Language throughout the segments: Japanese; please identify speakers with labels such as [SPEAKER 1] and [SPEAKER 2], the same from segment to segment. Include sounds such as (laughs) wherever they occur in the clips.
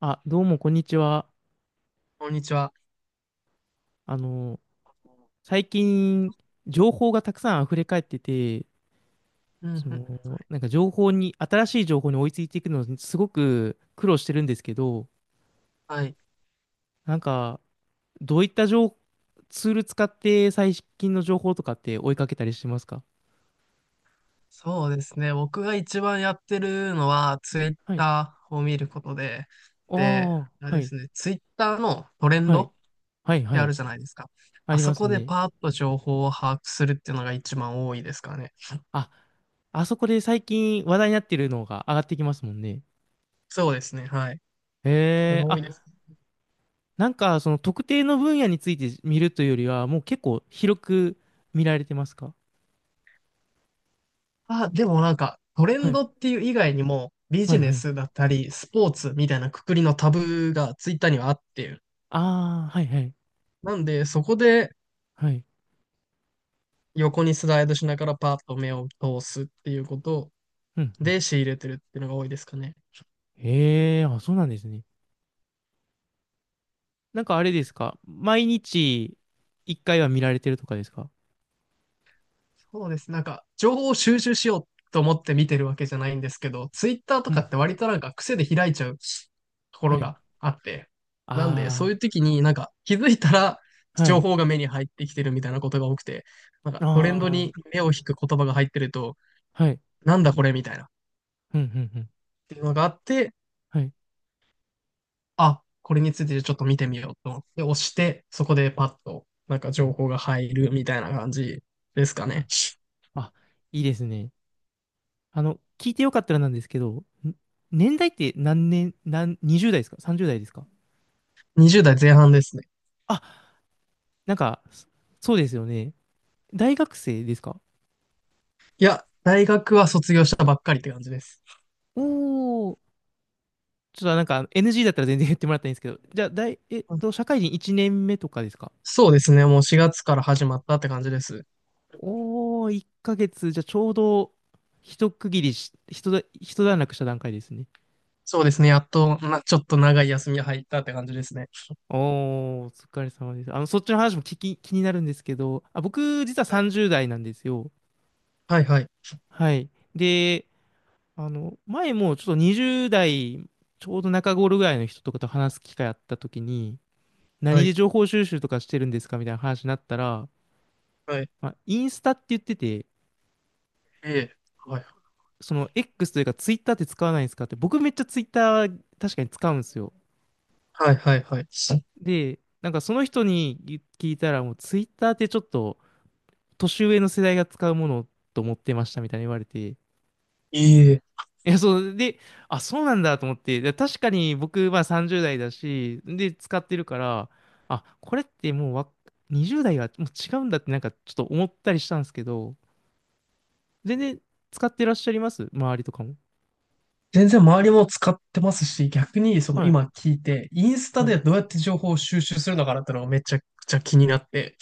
[SPEAKER 1] あ、どうも、こんにちは。
[SPEAKER 2] こんにちは。
[SPEAKER 1] あの、最近、情報がたくさん溢れ返ってて、
[SPEAKER 2] うんうん。
[SPEAKER 1] なんか情報に、新しい情報に追いついていくのにすごく苦労してるんですけど、
[SPEAKER 2] はい。
[SPEAKER 1] なんか、どういった情、ツール使って最近の情報とかって追いかけたりしてますか？
[SPEAKER 2] そうですね。僕が一番やってるのは、ツイッ
[SPEAKER 1] はい。
[SPEAKER 2] ターを見ることで、
[SPEAKER 1] あ
[SPEAKER 2] で、
[SPEAKER 1] あ、
[SPEAKER 2] あれ
[SPEAKER 1] は
[SPEAKER 2] で
[SPEAKER 1] い、
[SPEAKER 2] すね、ツイッターのトレン
[SPEAKER 1] は
[SPEAKER 2] ド
[SPEAKER 1] い、
[SPEAKER 2] っ
[SPEAKER 1] はい、
[SPEAKER 2] て
[SPEAKER 1] は
[SPEAKER 2] あ
[SPEAKER 1] い。
[SPEAKER 2] るじゃないですか。
[SPEAKER 1] あ
[SPEAKER 2] あ
[SPEAKER 1] り
[SPEAKER 2] そ
[SPEAKER 1] ます
[SPEAKER 2] こで
[SPEAKER 1] ね。
[SPEAKER 2] パーッと情報を把握するっていうのが一番多いですかね。
[SPEAKER 1] あ、あそこで最近話題になってるのが上がってきますもんね。
[SPEAKER 2] そうですね。はい。
[SPEAKER 1] へ
[SPEAKER 2] それ
[SPEAKER 1] え、
[SPEAKER 2] が多いです。
[SPEAKER 1] あ、なんか、その特定の分野について見るというよりは、もう結構広く見られてますか？
[SPEAKER 2] あ、でもなんか、トレ
[SPEAKER 1] は
[SPEAKER 2] ン
[SPEAKER 1] い、
[SPEAKER 2] ドっていう以外にも、ビ
[SPEAKER 1] は
[SPEAKER 2] ジ
[SPEAKER 1] い、
[SPEAKER 2] ネ
[SPEAKER 1] はい。
[SPEAKER 2] スだったり、スポーツみたいなくくりのタブがツイッターにはあって、
[SPEAKER 1] ああ、はい、はい、
[SPEAKER 2] なんで、そこで
[SPEAKER 1] はい。
[SPEAKER 2] 横にスライドしながらパーッと目を通すっていうこと
[SPEAKER 1] うん、うん。
[SPEAKER 2] で仕入れてるっていうのが多いですかね。
[SPEAKER 1] へえ、あ、そうなんですね。なんかあれですか、毎日一回は見られてるとかですか？
[SPEAKER 2] そうです。なんか、情報を収集しようと思って見てるわけじゃないんですけど、ツイッターと
[SPEAKER 1] う
[SPEAKER 2] か
[SPEAKER 1] ん、
[SPEAKER 2] って割となんか癖で開いちゃうとこ
[SPEAKER 1] は
[SPEAKER 2] ろ
[SPEAKER 1] い。
[SPEAKER 2] があって、なんで、そう
[SPEAKER 1] あ
[SPEAKER 2] いう時になんか気づいたら
[SPEAKER 1] あ、は
[SPEAKER 2] 情
[SPEAKER 1] い。
[SPEAKER 2] 報が目に入ってきてるみたいなことが多くて、なん
[SPEAKER 1] あ
[SPEAKER 2] かトレンド
[SPEAKER 1] あ、
[SPEAKER 2] に目を引く言葉が入ってると、
[SPEAKER 1] はい。
[SPEAKER 2] なんだこれみたいなっ
[SPEAKER 1] うん、うん、うん。
[SPEAKER 2] ていうのがあって、
[SPEAKER 1] はい。
[SPEAKER 2] あ、これについてちょっと見てみようと思って押して、そこでパッとなんか
[SPEAKER 1] うん、
[SPEAKER 2] 情報が入るみたいな感じですか
[SPEAKER 1] う
[SPEAKER 2] ね。
[SPEAKER 1] ん。あ、いいですね。聞いてよかったらなんですけど、年代って何年、何、20代ですか？ 30 代ですか？
[SPEAKER 2] 20代前半ですね。
[SPEAKER 1] あ、なんか、そうですよね。大学生ですか？
[SPEAKER 2] いや、大学は卒業したばっかりって感じです。
[SPEAKER 1] おー、ちょっとなんか NG だったら全然言ってもらったらいいんですけど、じゃあ、大、えっと、社会人1年目とかですか？
[SPEAKER 2] そうですね。もう4月から始まったって感じです。
[SPEAKER 1] おー、1ヶ月、じゃあちょうど、一区切りし、一だ、一段落した段階ですね。
[SPEAKER 2] そうですね。やっと、ちょっと長い休みが入ったって感じですね。
[SPEAKER 1] おー、お疲れ様です。そっちの話も気になるんですけど、あ、僕、実は
[SPEAKER 2] は
[SPEAKER 1] 30代なんですよ。
[SPEAKER 2] い、はい、
[SPEAKER 1] はい。で、前もちょっと20代、ちょうど中頃ぐらいの人とかと話す機会あった時に、
[SPEAKER 2] は
[SPEAKER 1] 何で
[SPEAKER 2] い、
[SPEAKER 1] 情報収集とかしてるんですかみたいな話になったら、
[SPEAKER 2] はい、はい、
[SPEAKER 1] まあ、インスタって言ってて、
[SPEAKER 2] ええ、はい、
[SPEAKER 1] その X というか Twitter って使わないんですかって、僕めっちゃ Twitter 確かに使うんですよ。
[SPEAKER 2] はい、はい、はい。
[SPEAKER 1] で、なんかその人に聞いたら、もう Twitter ってちょっと年上の世代が使うものと思ってましたみたいに言われて、
[SPEAKER 2] いえ、
[SPEAKER 1] いや、そう、で、あ、そうなんだと思って、で確かに僕まあ30代だし、で、使ってるから、あ、これってもう20代はもう違うんだってなんかちょっと思ったりしたんですけど、全然使ってらっしゃいます、周りとかも。
[SPEAKER 2] 全然周りも使ってますし、逆にその
[SPEAKER 1] はい。
[SPEAKER 2] 今聞いて、インスタ
[SPEAKER 1] はい。
[SPEAKER 2] でどうやって情報を収集するのかなってのがめちゃくちゃ気になって、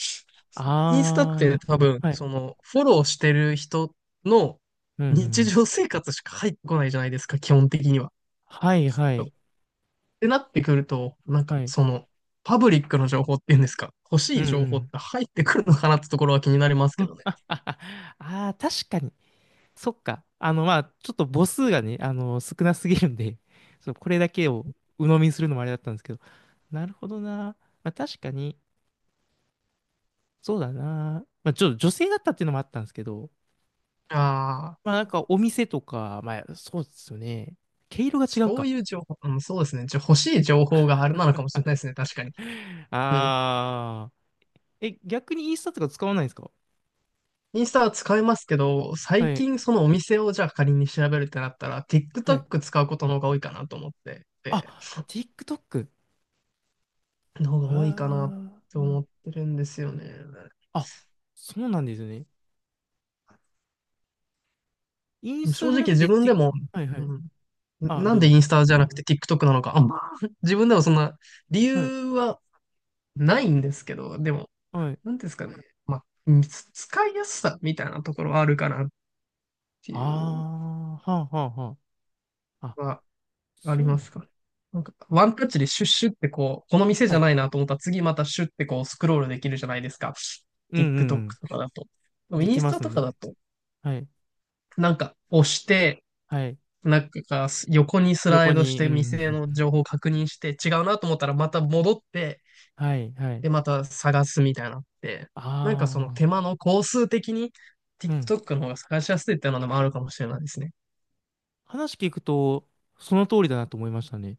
[SPEAKER 2] インスタって
[SPEAKER 1] あ
[SPEAKER 2] 多分、
[SPEAKER 1] あ。はい。
[SPEAKER 2] そのフォローしてる人の
[SPEAKER 1] うんうんう
[SPEAKER 2] 日
[SPEAKER 1] ん。
[SPEAKER 2] 常生活しか入ってこないじゃないですか、基本的には。
[SPEAKER 1] はい、は
[SPEAKER 2] っ
[SPEAKER 1] い。
[SPEAKER 2] てなってくると、なんか
[SPEAKER 1] はい。
[SPEAKER 2] そのパブリックの情報っていうんですか、欲し
[SPEAKER 1] うん
[SPEAKER 2] い
[SPEAKER 1] う
[SPEAKER 2] 情報っ
[SPEAKER 1] ん。
[SPEAKER 2] て入ってくるのかなってところは気になります
[SPEAKER 1] う
[SPEAKER 2] け
[SPEAKER 1] ん、
[SPEAKER 2] どね。
[SPEAKER 1] あああ、 (laughs) あー、確かに。そっか。まあ、ちょっと母数がね、少なすぎるんで、(laughs) そう、これだけを鵜呑みにするのもあれだったんですけど。なるほどな。まあ、確かに、そうだな。まあ、ちょっと女性だったっていうのもあったんですけど、
[SPEAKER 2] ああ、
[SPEAKER 1] まあ、なん
[SPEAKER 2] そ
[SPEAKER 1] かお店とか、まあ、そうですよね。毛色が違う
[SPEAKER 2] そう
[SPEAKER 1] か。
[SPEAKER 2] いう情報、うん、そうですね。じゃ、欲しい情報があれなのかもしれないですね、確かに。
[SPEAKER 1] (laughs)
[SPEAKER 2] うん。
[SPEAKER 1] ああ。え、逆にインスタとか使わないんですか？
[SPEAKER 2] インスタは使いますけど、
[SPEAKER 1] は
[SPEAKER 2] 最
[SPEAKER 1] い。
[SPEAKER 2] 近そのお店をじゃあ仮に調べるってなったら、
[SPEAKER 1] はい。
[SPEAKER 2] TikTok 使うことの方が多いかなと思ってて、
[SPEAKER 1] あ、TikTok。
[SPEAKER 2] の方が
[SPEAKER 1] あ
[SPEAKER 2] 多いかなって
[SPEAKER 1] ー、
[SPEAKER 2] 思ってるんですよね。
[SPEAKER 1] あ、そうなんですね。インスタ
[SPEAKER 2] 正
[SPEAKER 1] じゃ
[SPEAKER 2] 直
[SPEAKER 1] なく
[SPEAKER 2] 自
[SPEAKER 1] て、
[SPEAKER 2] 分でも、
[SPEAKER 1] はいは
[SPEAKER 2] う
[SPEAKER 1] い。
[SPEAKER 2] ん、
[SPEAKER 1] あ、
[SPEAKER 2] な
[SPEAKER 1] ど
[SPEAKER 2] ん
[SPEAKER 1] う
[SPEAKER 2] で
[SPEAKER 1] ぞ。
[SPEAKER 2] インスタじゃなくて TikTok なのか、あんま、(laughs) 自分でもそんな理
[SPEAKER 1] はい。
[SPEAKER 2] 由はないんですけど、でも、
[SPEAKER 1] はい。
[SPEAKER 2] なんですかね、まあ、うんつ使いやすさみたいなところはあるかなって
[SPEAKER 1] あ
[SPEAKER 2] いう
[SPEAKER 1] あ、はあはあはあ。あ、
[SPEAKER 2] のはあり
[SPEAKER 1] そう
[SPEAKER 2] ま
[SPEAKER 1] な
[SPEAKER 2] す
[SPEAKER 1] ん。
[SPEAKER 2] かね。なんか、ワンタッチでシュッシュってこう、この店じ
[SPEAKER 1] は
[SPEAKER 2] ゃな
[SPEAKER 1] い。
[SPEAKER 2] いなと思ったら次またシュッてこうスクロールできるじゃないですか。
[SPEAKER 1] うん
[SPEAKER 2] TikTok
[SPEAKER 1] う
[SPEAKER 2] と
[SPEAKER 1] んうん。
[SPEAKER 2] かだと。でも
[SPEAKER 1] で
[SPEAKER 2] イン
[SPEAKER 1] き
[SPEAKER 2] ス
[SPEAKER 1] ま
[SPEAKER 2] タ
[SPEAKER 1] す
[SPEAKER 2] とか
[SPEAKER 1] ね。
[SPEAKER 2] だと、
[SPEAKER 1] はい。
[SPEAKER 2] なんか押して、
[SPEAKER 1] はい。
[SPEAKER 2] なんか横にスラ
[SPEAKER 1] 横
[SPEAKER 2] イドし
[SPEAKER 1] に、う
[SPEAKER 2] て
[SPEAKER 1] ん。
[SPEAKER 2] 店の情報を確認して違うなと思ったらまた戻って、
[SPEAKER 1] (laughs) はいはい。
[SPEAKER 2] で、また探すみたいなのって、なんかその
[SPEAKER 1] あ
[SPEAKER 2] 手間の工数的に
[SPEAKER 1] あ、うん。
[SPEAKER 2] TikTok の方が探しやすいっていうのもあるかもしれないですね。
[SPEAKER 1] 話聞くと、その通りだなと思いましたね。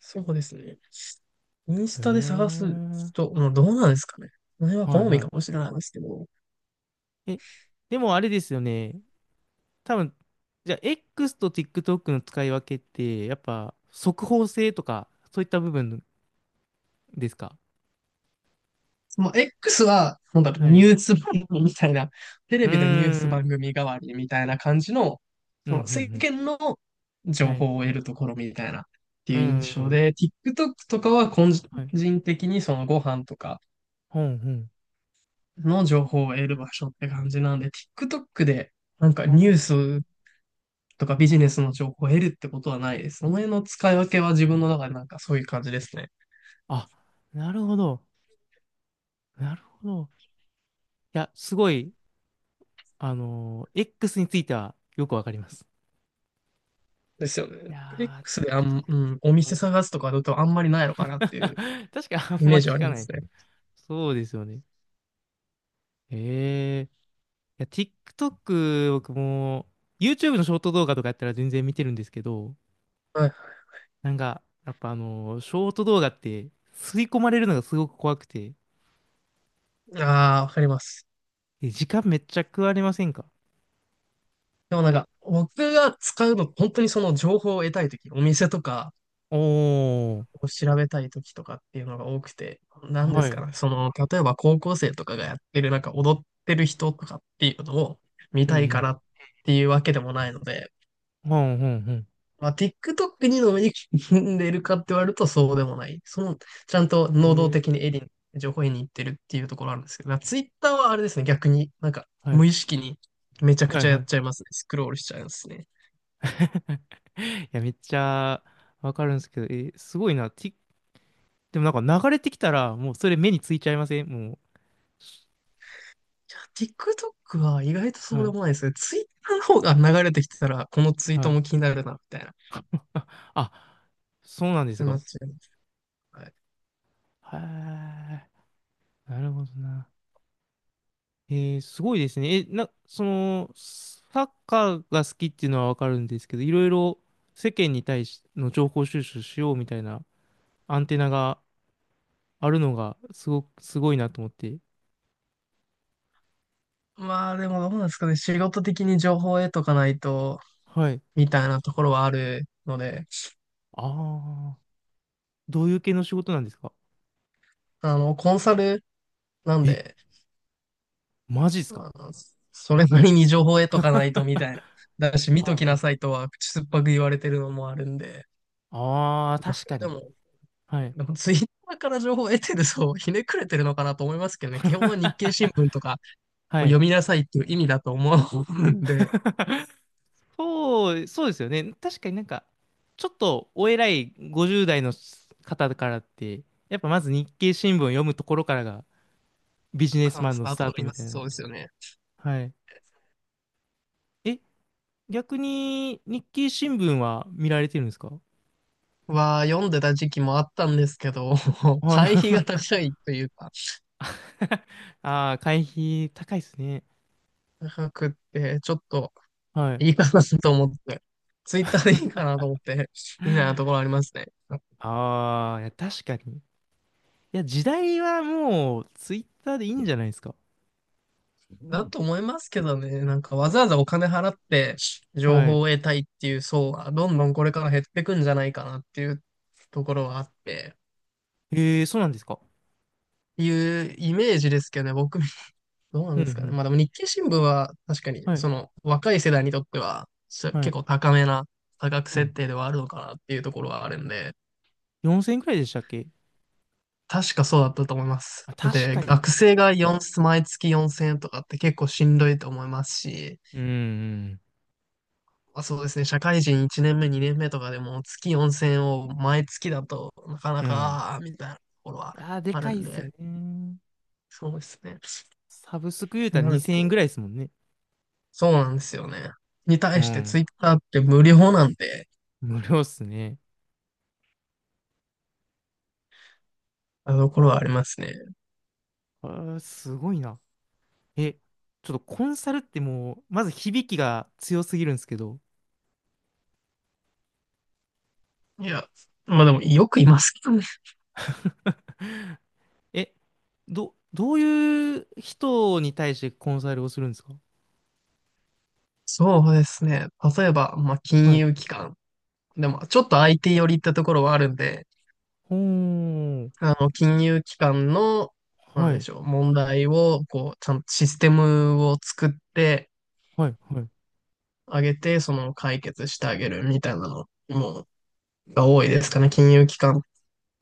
[SPEAKER 2] そうですね。イン
[SPEAKER 1] へ
[SPEAKER 2] スタで探
[SPEAKER 1] え。
[SPEAKER 2] す人、もうどうなんですかね。それは
[SPEAKER 1] はい
[SPEAKER 2] 好み
[SPEAKER 1] は
[SPEAKER 2] かも
[SPEAKER 1] い。
[SPEAKER 2] しれないですけど。
[SPEAKER 1] え、でもあれですよね。多分、じゃあ X と TikTok の使い分けって、やっぱ速報性とか、そういった部分ですか？
[SPEAKER 2] その X は、なんだろう、
[SPEAKER 1] はい。
[SPEAKER 2] ニ
[SPEAKER 1] う
[SPEAKER 2] ュース番組みたいな、テ
[SPEAKER 1] ー
[SPEAKER 2] レビのニュース番
[SPEAKER 1] ん。
[SPEAKER 2] 組代わりみたいな感じの、
[SPEAKER 1] うん、
[SPEAKER 2] そ
[SPEAKER 1] うん、
[SPEAKER 2] の世
[SPEAKER 1] うん。
[SPEAKER 2] 間の
[SPEAKER 1] は
[SPEAKER 2] 情
[SPEAKER 1] い。
[SPEAKER 2] 報を得るところみたいなって
[SPEAKER 1] う
[SPEAKER 2] いう
[SPEAKER 1] ん、
[SPEAKER 2] 印
[SPEAKER 1] う
[SPEAKER 2] 象
[SPEAKER 1] ん。
[SPEAKER 2] で、TikTok とかは個
[SPEAKER 1] はい。
[SPEAKER 2] 人的にそのご飯とか
[SPEAKER 1] ほん、ほん。
[SPEAKER 2] の情報を得る場所って感じなんで、TikTok でなんかニュースとかビジネスの情報を得るってことはないです。その辺の使い分けは自分の中でなんかそういう感じですね。
[SPEAKER 1] あ、あ、なるほど。なるほど。いや、すごい、X についてはよくわかります。
[SPEAKER 2] ですよ
[SPEAKER 1] い
[SPEAKER 2] ね。
[SPEAKER 1] やー、
[SPEAKER 2] X で
[SPEAKER 1] TikTok。
[SPEAKER 2] お
[SPEAKER 1] は
[SPEAKER 2] 店
[SPEAKER 1] い。
[SPEAKER 2] 探すとかだとあんまりないのかなっていう
[SPEAKER 1] (laughs) 確か
[SPEAKER 2] イ
[SPEAKER 1] あん
[SPEAKER 2] メ
[SPEAKER 1] ま
[SPEAKER 2] ージはあ
[SPEAKER 1] 聞
[SPEAKER 2] り
[SPEAKER 1] か
[SPEAKER 2] ま
[SPEAKER 1] ない。
[SPEAKER 2] すね。
[SPEAKER 1] そうですよね。へえ。いや、TikTok、僕も、YouTube のショート動画とかやったら全然見てるんですけど、
[SPEAKER 2] はい。
[SPEAKER 1] なんか、やっぱショート動画って、吸い込まれるのがすごく怖くて、
[SPEAKER 2] ああ、わかります。
[SPEAKER 1] 時間めっちゃ食われませんか？
[SPEAKER 2] でもなんか、僕が使うの、本当にその情報を得たいとき、お店とか
[SPEAKER 1] おー、
[SPEAKER 2] を調べたいときとかっていうのが多くて、何で
[SPEAKER 1] は
[SPEAKER 2] す
[SPEAKER 1] い。う
[SPEAKER 2] か
[SPEAKER 1] ん
[SPEAKER 2] ね。その、例えば高校生とかがやってる、なんか踊ってる人とかっていうのを見
[SPEAKER 1] う
[SPEAKER 2] たいか
[SPEAKER 1] ん。
[SPEAKER 2] らっていうわけでもないので、
[SPEAKER 1] ほんほんほん。
[SPEAKER 2] まあ、TikTok にのめり込んでるかって言われるとそうでもない。その、ちゃんと
[SPEAKER 1] へえ
[SPEAKER 2] 能動的に
[SPEAKER 1] ー、
[SPEAKER 2] エリに、情報をに行ってるっていうところあるんですけど、Twitter はあれですね、逆に、なんか、
[SPEAKER 1] はい、
[SPEAKER 2] 無意識にめちゃく
[SPEAKER 1] はい、
[SPEAKER 2] ちゃ
[SPEAKER 1] は
[SPEAKER 2] やっ
[SPEAKER 1] い。
[SPEAKER 2] ちゃいますね。スクロールしちゃいますね。
[SPEAKER 1] (laughs) いや、めっちゃわかるんですけど、すごいな。でもなんか流れてきたら、もうそれ目についちゃいませんも
[SPEAKER 2] TikTok は意外と
[SPEAKER 1] う。
[SPEAKER 2] そう
[SPEAKER 1] は
[SPEAKER 2] で
[SPEAKER 1] い、
[SPEAKER 2] もないですね。Twitter の方が流れてきてたら、このツイー
[SPEAKER 1] は
[SPEAKER 2] ト
[SPEAKER 1] い。
[SPEAKER 2] も気になるな、みたいな。っ
[SPEAKER 1] あ、あ、そうなんです
[SPEAKER 2] てな
[SPEAKER 1] か。
[SPEAKER 2] っちゃいます。はい。
[SPEAKER 1] はい。なるほどな。すごいですね。え、な、その、サッカーが好きっていうのはわかるんですけど、いろいろ世間に対しての情報収集しようみたいなアンテナがあるのがすごく、すごいなと思って。
[SPEAKER 2] まあでも、どうなんですかね、仕事的に情報を得とかないと、
[SPEAKER 1] はい。
[SPEAKER 2] みたいなところはあるので、
[SPEAKER 1] ああ、どういう系の仕事なんですか？
[SPEAKER 2] コンサルなん
[SPEAKER 1] え、
[SPEAKER 2] で、
[SPEAKER 1] マジですか？
[SPEAKER 2] あの、それなりに情報を得
[SPEAKER 1] (laughs)
[SPEAKER 2] とかないとみ
[SPEAKER 1] は
[SPEAKER 2] たいな。だし、見と
[SPEAKER 1] あ、
[SPEAKER 2] きな
[SPEAKER 1] は
[SPEAKER 2] さいとは口酸っぱく言われてるのもあるんで、
[SPEAKER 1] ああー、
[SPEAKER 2] まあ、
[SPEAKER 1] 確
[SPEAKER 2] そ
[SPEAKER 1] か
[SPEAKER 2] れで
[SPEAKER 1] に。
[SPEAKER 2] も、
[SPEAKER 1] はい。
[SPEAKER 2] でもツイッターから情報を得てるとひねくれてるのかなと思いますけどね、基本は日経
[SPEAKER 1] (laughs)
[SPEAKER 2] 新聞とか
[SPEAKER 1] は
[SPEAKER 2] を読
[SPEAKER 1] い。
[SPEAKER 2] みなさいっていう意味だと思うんで、
[SPEAKER 1] そう、そうですよね。確かになんか、ちょっとお偉い50代の方からって、やっぱまず日経新聞を読むところからがビジネス
[SPEAKER 2] 朝の
[SPEAKER 1] マン
[SPEAKER 2] ス
[SPEAKER 1] の
[SPEAKER 2] ター
[SPEAKER 1] ス
[SPEAKER 2] ト
[SPEAKER 1] ター
[SPEAKER 2] とか
[SPEAKER 1] トみ
[SPEAKER 2] 今
[SPEAKER 1] たい
[SPEAKER 2] そう
[SPEAKER 1] な。
[SPEAKER 2] ですよね。
[SPEAKER 1] はい。え、逆に日経新聞は見られてるんですか？
[SPEAKER 2] は読んでた時期もあったんですけど、(laughs)
[SPEAKER 1] は
[SPEAKER 2] 会費が
[SPEAKER 1] い。
[SPEAKER 2] 高いというか、
[SPEAKER 1] (laughs) ああ、会費高いですね。
[SPEAKER 2] 高くって、ちょっと
[SPEAKER 1] はい。
[SPEAKER 2] いいかなと思って、ツイッターでいいかなと思って、みたいなところありますね。
[SPEAKER 1] ああ、いや、確かに。いや、時代はもうツイッターでいいんじゃないですか？
[SPEAKER 2] だと思いますけどね。なんかわざわざお金払って情
[SPEAKER 1] は
[SPEAKER 2] 報
[SPEAKER 1] い。
[SPEAKER 2] を得たいっていう層はどんどんこれから減ってくんじゃないかなっていうところはあって、
[SPEAKER 1] ええ、そうなんですか。
[SPEAKER 2] いうイメージですけどね、僕、(laughs) どうな
[SPEAKER 1] う
[SPEAKER 2] ん
[SPEAKER 1] んう
[SPEAKER 2] ですかね。
[SPEAKER 1] ん。
[SPEAKER 2] まあでも日経新聞は確かに
[SPEAKER 1] はい。
[SPEAKER 2] その若い世代にとっては
[SPEAKER 1] は
[SPEAKER 2] 結構
[SPEAKER 1] い。
[SPEAKER 2] 高めな価格
[SPEAKER 1] う
[SPEAKER 2] 設
[SPEAKER 1] ん、
[SPEAKER 2] 定ではあるのかなっていうところはあるんで、
[SPEAKER 1] 4000円くらいでしたっけ？
[SPEAKER 2] 確かそうだったと思います。
[SPEAKER 1] あ、確
[SPEAKER 2] で、
[SPEAKER 1] かに。
[SPEAKER 2] 学生が4、毎月4000円とかって結構しんどいと思いますし、
[SPEAKER 1] うん、
[SPEAKER 2] まあ、そうですね。社会人1年目、2年目とかでも月4000を毎月だとなかな
[SPEAKER 1] うん。うん。
[SPEAKER 2] か、みたいなところは
[SPEAKER 1] あー、で
[SPEAKER 2] ある
[SPEAKER 1] かい
[SPEAKER 2] ん
[SPEAKER 1] っす
[SPEAKER 2] で、
[SPEAKER 1] ね。
[SPEAKER 2] そうですね。
[SPEAKER 1] サブスク言うたら
[SPEAKER 2] なる
[SPEAKER 1] 2000円く
[SPEAKER 2] と、
[SPEAKER 1] らいですもんね。
[SPEAKER 2] そうなんですよね。に
[SPEAKER 1] う
[SPEAKER 2] 対してツ
[SPEAKER 1] ん。
[SPEAKER 2] イッターって無料なんで、
[SPEAKER 1] 無料っすね。
[SPEAKER 2] あのところはあ
[SPEAKER 1] あ、
[SPEAKER 2] りますね。
[SPEAKER 1] あーすごいな。え、ちょっとコンサルってもう、まず響きが強すぎるんですけど、
[SPEAKER 2] いや、まあでもよくいますけどね。
[SPEAKER 1] え、どういう人に対してコンサルをするんですか？
[SPEAKER 2] そうですね。例えば、まあ
[SPEAKER 1] は
[SPEAKER 2] 金
[SPEAKER 1] い。
[SPEAKER 2] 融機関。でも、ちょっと相手寄りってところはあるんで、
[SPEAKER 1] ほーん。
[SPEAKER 2] 金融機関の、なん
[SPEAKER 1] は
[SPEAKER 2] で
[SPEAKER 1] い。
[SPEAKER 2] しょう、問題を、こう、ちゃんとシステムを作って、
[SPEAKER 1] はい。はい。
[SPEAKER 2] あげて、その解決してあげるみたいなのも、が多いですかね。金融機関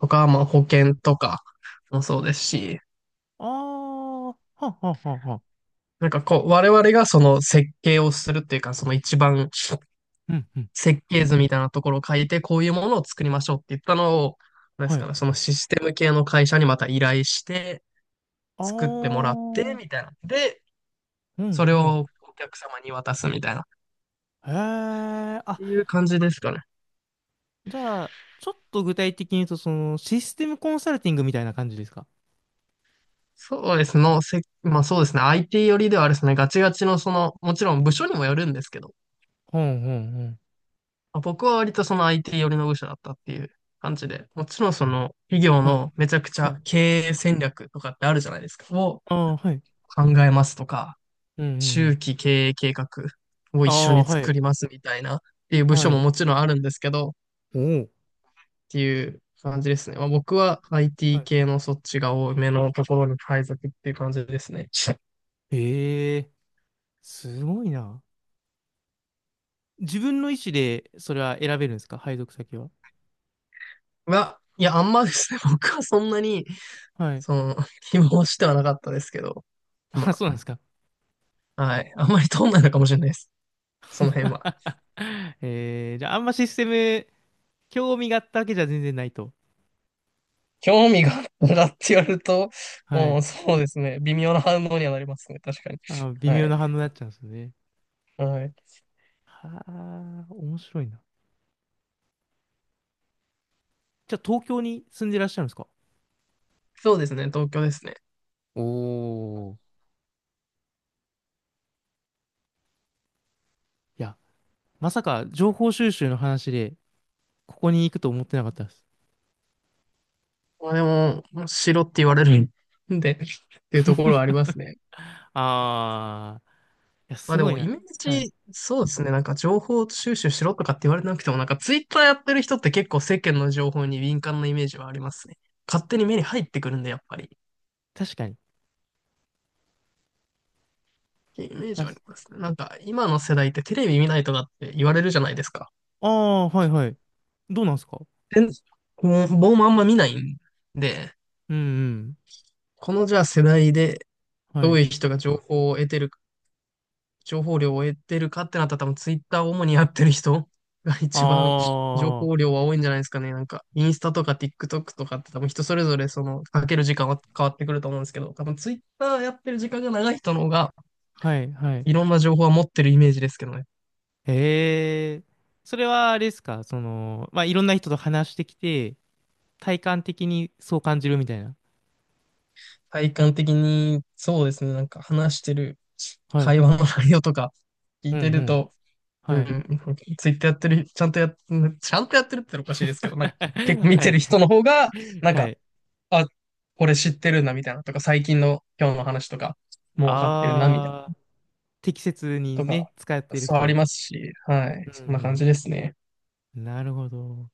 [SPEAKER 2] とか、まあ保険とかもそうですし、
[SPEAKER 1] ああー、はっはっはっは。
[SPEAKER 2] なんかこう、我々がその設計をするっていうか、その一番
[SPEAKER 1] うん、うん。
[SPEAKER 2] 設計図みたいなところを書いて、こういうものを作りましょうって言ったのを、なんで
[SPEAKER 1] は
[SPEAKER 2] すか
[SPEAKER 1] い。
[SPEAKER 2] ね、そのシステム系の会社にまた依頼して、
[SPEAKER 1] ああ、
[SPEAKER 2] 作ってもらっ
[SPEAKER 1] う
[SPEAKER 2] て、みたいな。で、そ
[SPEAKER 1] ん
[SPEAKER 2] れ
[SPEAKER 1] うん。
[SPEAKER 2] をお客様に渡すみたいな、っ
[SPEAKER 1] へえ、あ、
[SPEAKER 2] ていう感じですかね。
[SPEAKER 1] じゃあ、ちょっと具体的に言うと、システムコンサルティングみたいな感じですか？
[SPEAKER 2] そうですの、まあそうですね。IT 寄りではあれですね。ガチガチのその、もちろん部署にもよるんですけど、
[SPEAKER 1] うんうんうん。
[SPEAKER 2] まあ僕は割とその IT 寄りの部署だったっていう感じで、もちろんその企業
[SPEAKER 1] はい、
[SPEAKER 2] のめちゃくち
[SPEAKER 1] は
[SPEAKER 2] ゃ
[SPEAKER 1] い。
[SPEAKER 2] 経営戦略とかってあるじゃないですか。を
[SPEAKER 1] ああ、はい。
[SPEAKER 2] 考えますとか、
[SPEAKER 1] うんうんう
[SPEAKER 2] 中
[SPEAKER 1] ん。
[SPEAKER 2] 期経営計画を
[SPEAKER 1] あ
[SPEAKER 2] 一緒
[SPEAKER 1] あ、
[SPEAKER 2] に
[SPEAKER 1] は
[SPEAKER 2] 作
[SPEAKER 1] い、
[SPEAKER 2] りますみたいなっていう部署
[SPEAKER 1] は
[SPEAKER 2] も
[SPEAKER 1] い。
[SPEAKER 2] もちろんあるんですけど、っ
[SPEAKER 1] おお。
[SPEAKER 2] ていう感じですね。まあ僕は
[SPEAKER 1] は
[SPEAKER 2] IT
[SPEAKER 1] い。
[SPEAKER 2] 系のそっちが多めのところに配属っていう感じですね。
[SPEAKER 1] ええ、すごいな。自分の意思で、それは選べるんですか？配属先は。
[SPEAKER 2] いやいや、あんまですね、(laughs) 僕はそんなに、
[SPEAKER 1] はい。
[SPEAKER 2] その、(laughs) 希望してはなかったですけど、
[SPEAKER 1] あ、
[SPEAKER 2] ま
[SPEAKER 1] そうなんですか。
[SPEAKER 2] あ、はい。あんまり通んないのかもしれないです。その辺は。
[SPEAKER 1] (laughs) ええ、じゃあ、あんまシステム、興味があったわけじゃ全然ないと。
[SPEAKER 2] 興味があったらって言われると、
[SPEAKER 1] は
[SPEAKER 2] う
[SPEAKER 1] い。
[SPEAKER 2] ん、そうですね。微妙な反応にはなりますね。確かに。
[SPEAKER 1] あ、微
[SPEAKER 2] は
[SPEAKER 1] 妙
[SPEAKER 2] い。
[SPEAKER 1] な反応になっちゃうんですよね。
[SPEAKER 2] はい。
[SPEAKER 1] はあ、面白いな。じゃあ東京に住んでらっしゃるんですか？
[SPEAKER 2] そうですね。東京ですね。
[SPEAKER 1] おー。いや、まさか情報収集の話で、ここに行くと思ってなかったです。
[SPEAKER 2] まあでも、白って言われるんで、っていうところはありますね。
[SPEAKER 1] あー、いや、
[SPEAKER 2] まあ
[SPEAKER 1] す
[SPEAKER 2] で
[SPEAKER 1] ごい
[SPEAKER 2] も、
[SPEAKER 1] な。
[SPEAKER 2] イメー
[SPEAKER 1] はい。
[SPEAKER 2] ジ、そうですね。なんか情報収集しろとかって言われなくても、なんかツイッターやってる人って結構世間の情報に敏感なイメージはありますね。勝手に目に入ってくるんで、やっぱり。
[SPEAKER 1] 確かに。
[SPEAKER 2] イメージ
[SPEAKER 1] あ、
[SPEAKER 2] はありますね。なんか、今の世代ってテレビ見ないとかって言われるじゃないですか。
[SPEAKER 1] あー、はいはい。どうなんですか？
[SPEAKER 2] で、こう僕もあんま見ないんで、
[SPEAKER 1] うんうん。
[SPEAKER 2] このじゃあ世代で
[SPEAKER 1] は
[SPEAKER 2] どう
[SPEAKER 1] い。
[SPEAKER 2] いう人が情報量を得てるかってなったら多分ツイッターを主にやってる人 (laughs) が
[SPEAKER 1] あ
[SPEAKER 2] 一番情報
[SPEAKER 1] ー、
[SPEAKER 2] 量は多いんじゃないですかね。なんか、インスタとか TikTok とかって多分人それぞれその、かける時間は変わってくると思うんですけど、多分ツイッターやってる時間が長い人の方が、
[SPEAKER 1] はいはい。
[SPEAKER 2] いろんな情報は持ってるイメージですけどね。
[SPEAKER 1] へえ。それはあれですか、まあ、いろんな人と話してきて、体感的にそう感じるみたいな。
[SPEAKER 2] 体感的に、そうですね、なんか話してる
[SPEAKER 1] はい。
[SPEAKER 2] 会話の内容とか聞
[SPEAKER 1] う
[SPEAKER 2] いて
[SPEAKER 1] んう
[SPEAKER 2] る
[SPEAKER 1] ん。
[SPEAKER 2] と、う
[SPEAKER 1] は
[SPEAKER 2] ん、
[SPEAKER 1] い。
[SPEAKER 2] ツイッターやってる、ちゃんとやってるっておかしいですけど、なんか結
[SPEAKER 1] (laughs)
[SPEAKER 2] 構見
[SPEAKER 1] は
[SPEAKER 2] て
[SPEAKER 1] い。
[SPEAKER 2] る人の方が、なん
[SPEAKER 1] は
[SPEAKER 2] か
[SPEAKER 1] い。
[SPEAKER 2] あ、これ知ってるな、みたいなとか、最近の今日の話とか、もう分かってるな、みたい
[SPEAKER 1] ああ、適切に
[SPEAKER 2] なと
[SPEAKER 1] ね、
[SPEAKER 2] か、
[SPEAKER 1] 使っている
[SPEAKER 2] そう
[SPEAKER 1] 人
[SPEAKER 2] あり
[SPEAKER 1] が。
[SPEAKER 2] ますし、はい。
[SPEAKER 1] う
[SPEAKER 2] そんな感
[SPEAKER 1] ん
[SPEAKER 2] じですね。
[SPEAKER 1] うん。なるほど。